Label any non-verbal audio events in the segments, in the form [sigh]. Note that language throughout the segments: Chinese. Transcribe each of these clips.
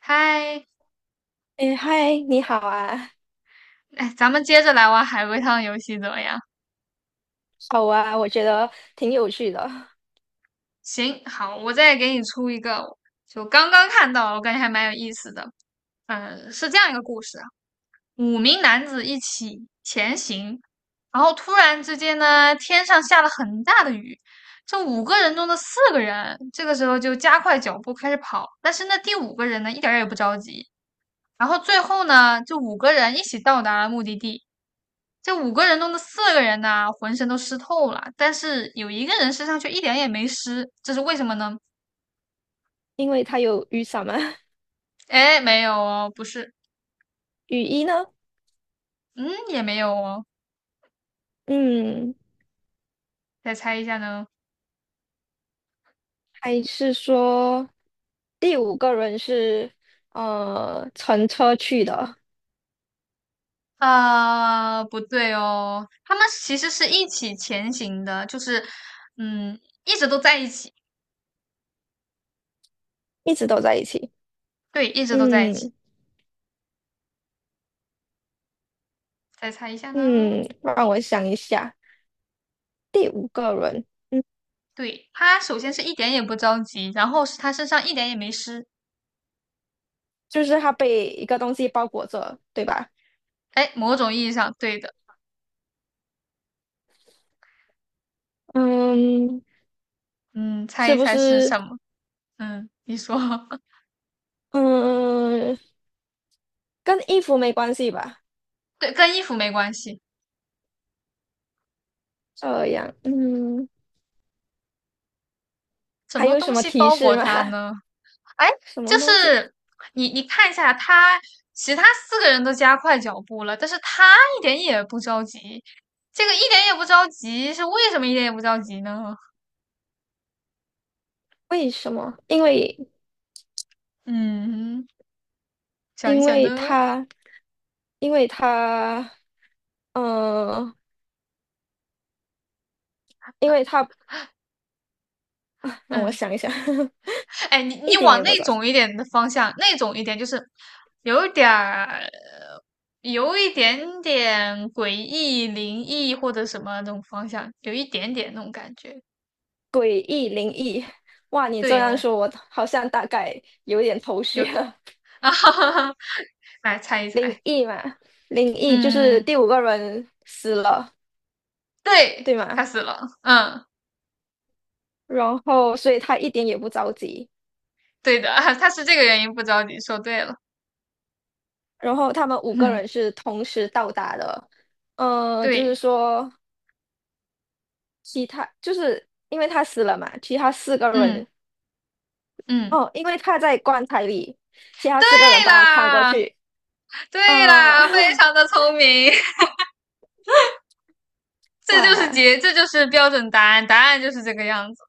嗨，哎，嗨，你好啊。哎，咱们接着来玩海龟汤游戏怎么样？好啊，我觉得挺有趣的。行，好，我再给你出一个，就刚刚看到，我感觉还蛮有意思的。嗯，是这样一个故事啊：五名男子一起前行，然后突然之间呢，天上下了很大的雨。这五个人中的四个人，这个时候就加快脚步开始跑，但是那第五个人呢，一点儿也不着急。然后最后呢，这五个人一起到达了目的地。这五个人中的四个人呢，浑身都湿透了，但是有一个人身上却一点也没湿，这是为什么呢？因为它有雨伞嘛。哎，没有哦，不是，雨衣呢？嗯，也没有哦，嗯，再猜一下呢？还是说第五个人是乘车去的。啊，不对哦，他们其实是一起前行的，就是嗯，一直都在一起，一直都在一起。对，一直都在一起。嗯再猜一下呢？嗯，让我想一下，第五个人，嗯，对，他首先是一点也不着急，然后是他身上一点也没湿，就是他被一个东西包裹着，对吧？哎，某种意义上对的，嗯，嗯，猜是一不猜是是？什么？嗯，你说。[laughs] 嗯，跟衣服没关系吧？对，跟衣服没关系。这样，嗯。什还么有什东么西提包裹示吗？他 [laughs] 呢？哎，什就么东西？是你看一下他，其他四个人都加快脚步了，但是他一点也不着急。这个一点也不着急，是为什么一点也不着急呢？为什么？嗯，想一因想为呢。他因为他呃，因为他啊 [laughs] 让我嗯，想一想。哎，你 [laughs] 你一点往也不那早。种一点的方向，那种一点就是有一点儿，有一点点诡异、灵异或者什么那种方向，有一点点那种感觉。诡异灵异，哇！你这对样哦，说，我好像大概有点头有 绪了。[laughs] [laughs] 啊哈哈哈，来猜一灵猜，异嘛，灵异就是嗯，第五个人死了，对，对他吗？死了，嗯，然后，所以他一点也不着急。对的，[laughs] 啊，他是这个原因不着急，说对了，然后他们五个人嗯，是同时到达的，就是对，说。其他就是因为他死了嘛，其他四个嗯人嗯，哦，因为他在棺材里，其他对四个人把他看过啦，去。对呃，啦，非 [laughs] 常的聪明，[laughs] 哇，这就是标准答案，答案就是这个样子，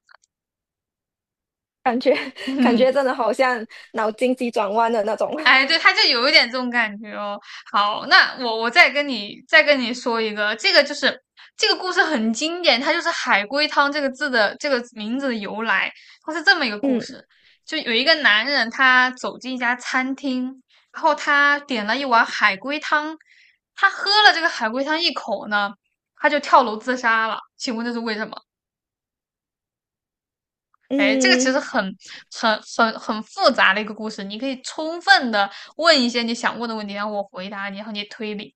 感觉 [laughs] 感嗯。觉真的好像脑筋急转弯的那种。[laughs] 哎，对，他就有一点这种感觉哦。好，那我再跟你说一个，这个就是这个故事很经典，它就是"海龟汤"这个字的这个名字的由来。它是这么一个故嗯事，就有一个男人，他走进一家餐厅，然后他点了一碗海龟汤，他喝了这个海龟汤一口呢，他就跳楼自杀了。请问这是为什么？哎，这个其嗯，实很复杂的一个故事，你可以充分的问一些你想问的问题，然后我回答你，然后你推理。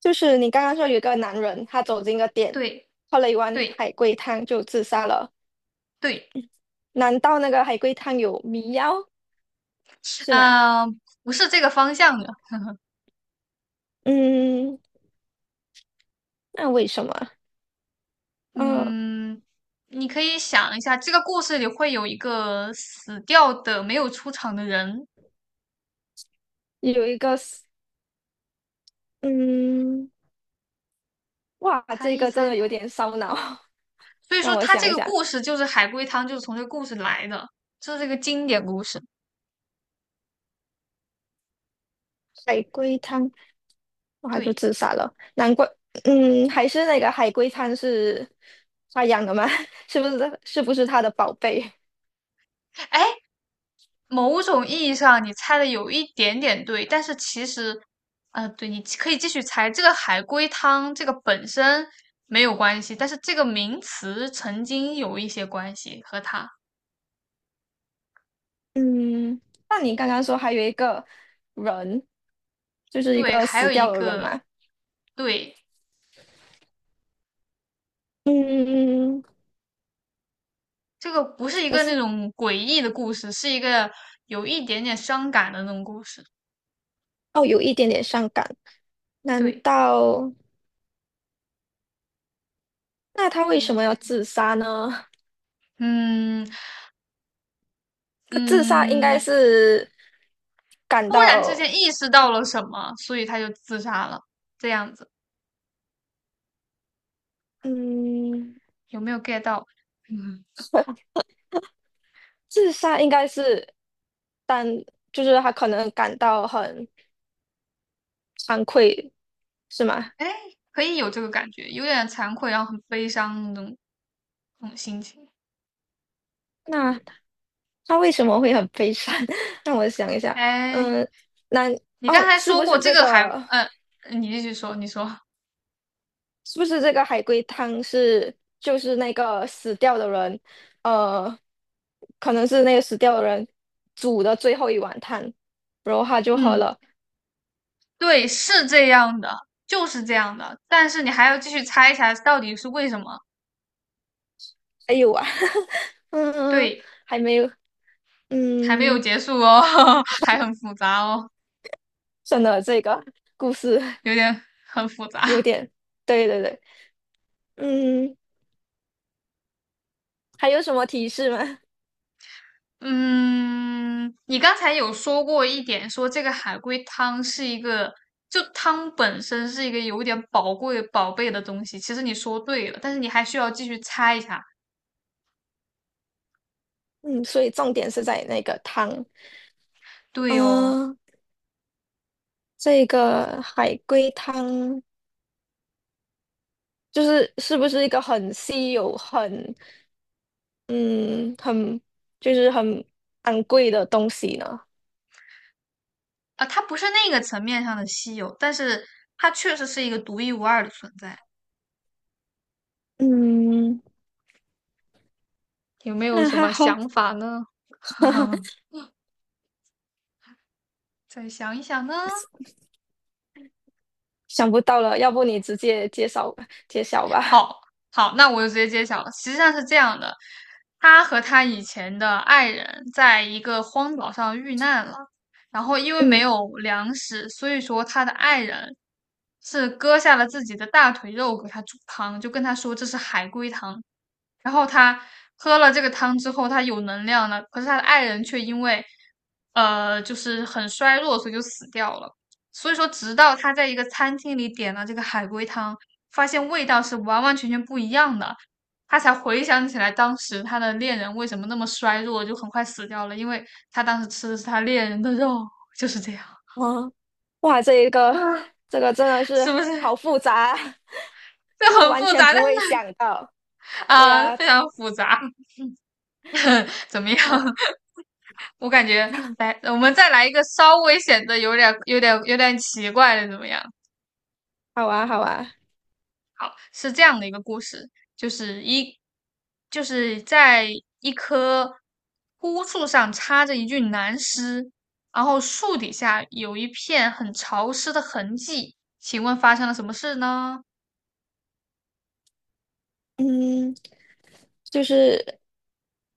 就是你刚刚说有一个男人，他走进一个店，对，喝了一碗对，海龟汤就自杀了，对，难道那个海龟汤有迷药是吗？呃，不是这个方向的。嗯，那为什么？嗯，嗯，你可以想一下，这个故事里会有一个死掉的没有出场的人，有一个是，嗯。哇，猜这一个真猜的呢。有点烧脑。所 [laughs] 以说，让我他这想一个下，故事就是海龟汤，就是从这个故事来的，这是一个经典故事。海龟汤，哇，还就对，自杀了，难怪。嗯，还是那个海龟汤是他养的吗？[laughs] 是不是？是不是他的宝贝？哎，某种意义上你猜的有一点点对，但是其实，对，你可以继续猜。这个海龟汤这个本身没有关系，但是这个名词曾经有一些关系和它。嗯，那你刚刚说还有一个人，就是一对，个还死有一掉的人个，嘛？对，嗯，这个不是一可个那是种诡异的故事，是一个有一点点伤感的那种故事。哦，有一点点伤感，难对，道那他为你什么要猜自杀呢？嗯 [laughs] 他自杀应嗯，该你是感突然之到。间意识到了什么，所以他就自杀了，这样子嗯，有没有 get 到？[laughs] 嗯。[laughs] 自杀应该是但就是他可能感到很惭愧，是吗？哎，可以有这个感觉，有点惭愧，然后很悲伤那种心情。那他为什么会很悲伤？[laughs] 让我想一下。哎，嗯，那你刚哦，才是说不过是这这个还，个？你继续说，你说，是不是这个海龟汤是就是那个死掉的人，呃，可能是那个死掉的人煮的最后一碗汤，然后他就喝嗯，了。对，是这样的，就是这样的，但是你还要继续猜一下到底是为什么。哎呦啊，[laughs] 嗯，对，还没有，还没有嗯，结束哦，[laughs] 还很复杂哦，真的这个故事。有点很复杂。有点，对对对。嗯，还有什么提示吗？[laughs] 嗯，你刚才有说过一点，说这个海龟汤是一个，就汤本身是一个有点宝贵宝贝的东西。其实你说对了，但是你还需要继续猜一下。嗯，所以重点是在那个汤。对哦，嗯、这个海龟汤就是是不是一个很稀有、很嗯很就是很昂贵的东西呢？啊，它不是那个层面上的稀有，但是它确实是一个独一无二的存在。嗯，有没 [laughs] 有那什还么好。想法呢？[laughs] [laughs] 再想一想呢？想不到了，要不你直接介绍吧，揭晓吧。好好，那我就直接揭晓了。实际上是这样的，他和他以前的爱人在一个荒岛上遇难了，然后因为没嗯。有粮食，所以说他的爱人是割下了自己的大腿肉给他煮汤，就跟他说这是海龟汤。然后他喝了这个汤之后，他有能量了，可是他的爱人却因为就是很衰弱，所以就死掉了。所以说，直到他在一个餐厅里点了这个海龟汤，发现味道是完完全全不一样的，他才回想起来当时他的恋人为什么那么衰弱，就很快死掉了，因为他当时吃的是他恋人的肉，就是这样，哦，哇，这一个嗯这个真的是是不是？好复杂。 [laughs] 这就很完复全杂，但不会是想到。对啊。非常复杂，[laughs] 怎么样？嗯、我感觉来，[laughs] 我们再来一个稍微显得有点奇怪的，怎么样？好啊，好啊。是这样的一个故事，就是一，就是在一棵枯树上插着一具男尸，然后树底下有一片很潮湿的痕迹。请问发生了什么事呢？嗯，就是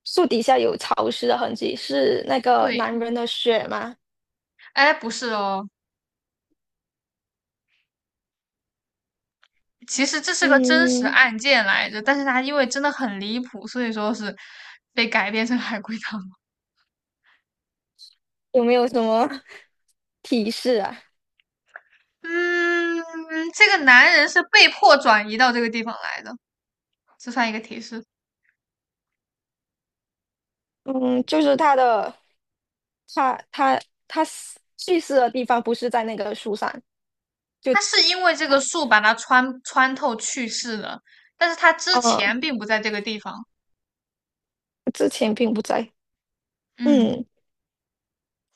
树底下有潮湿的痕迹，是那个男对，人的血吗？哎，不是哦，其实这是个真实嗯，案件来着，但是它因为真的很离谱，所以说是被改编成海龟汤。有没有什么 [laughs] 提示啊？嗯，这个男人是被迫转移到这个地方来的，这算一个提示。嗯，就是他的，他他死去世的地方不是在那个树上，就他是因为这个树把他穿透去世的，但是他之呃前并不在这个地方。之前并不在。嗯嗯。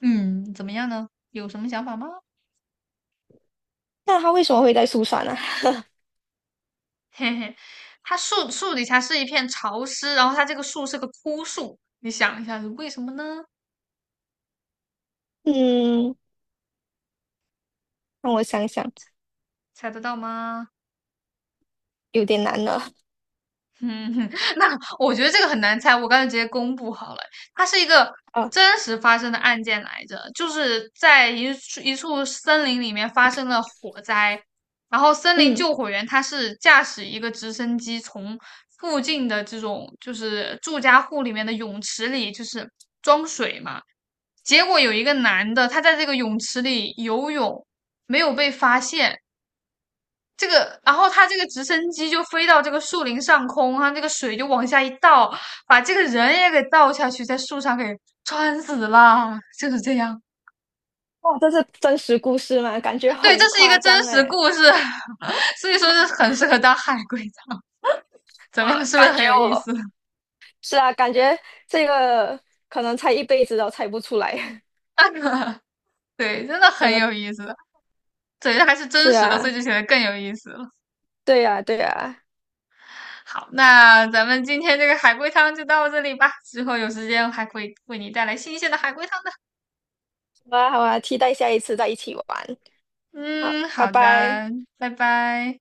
嗯，怎么样呢？有什么想法吗？那他为什么会在树上呢？嘿嘿，他树底下是一片潮湿，然后他这个树是个枯树，你想一下是为什么呢？嗯，让我想想。猜得到吗？有点难了。嗯，[laughs] 那我觉得这个很难猜，我刚才直接公布好了。它是一个啊，真实发生的案件来着，就是在一处森林里面发生了火灾，然后森林嗯，救火员他是驾驶一个直升机从附近的这种就是住家户里面的泳池里就是装水嘛，结果有一个男的他在这个泳池里游泳没有被发现，这个，然后他这个直升机就飞到这个树林上空，他那个水就往下一倒，把这个人也给倒下去，在树上给穿死了，就是这样。哇，这是真实故事吗？感觉对，这很是一个夸真张实哎。故事，[laughs] 所以说这很适合当海龟汤。怎我么样，是不是感很觉有意我思？是啊，感觉这个可能猜一辈子都猜不出来。[laughs] 对，真的 [laughs] 真很的有意思的。对，这还是是真实的，所啊，以就显得更有意思了。对啊，对啊。好，那咱们今天这个海龟汤就到这里吧，之后有时间还可以为你带来新鲜的海龟汤的。好啊，好啊，期待下一次再一起玩。好，嗯，拜好拜。的，拜拜。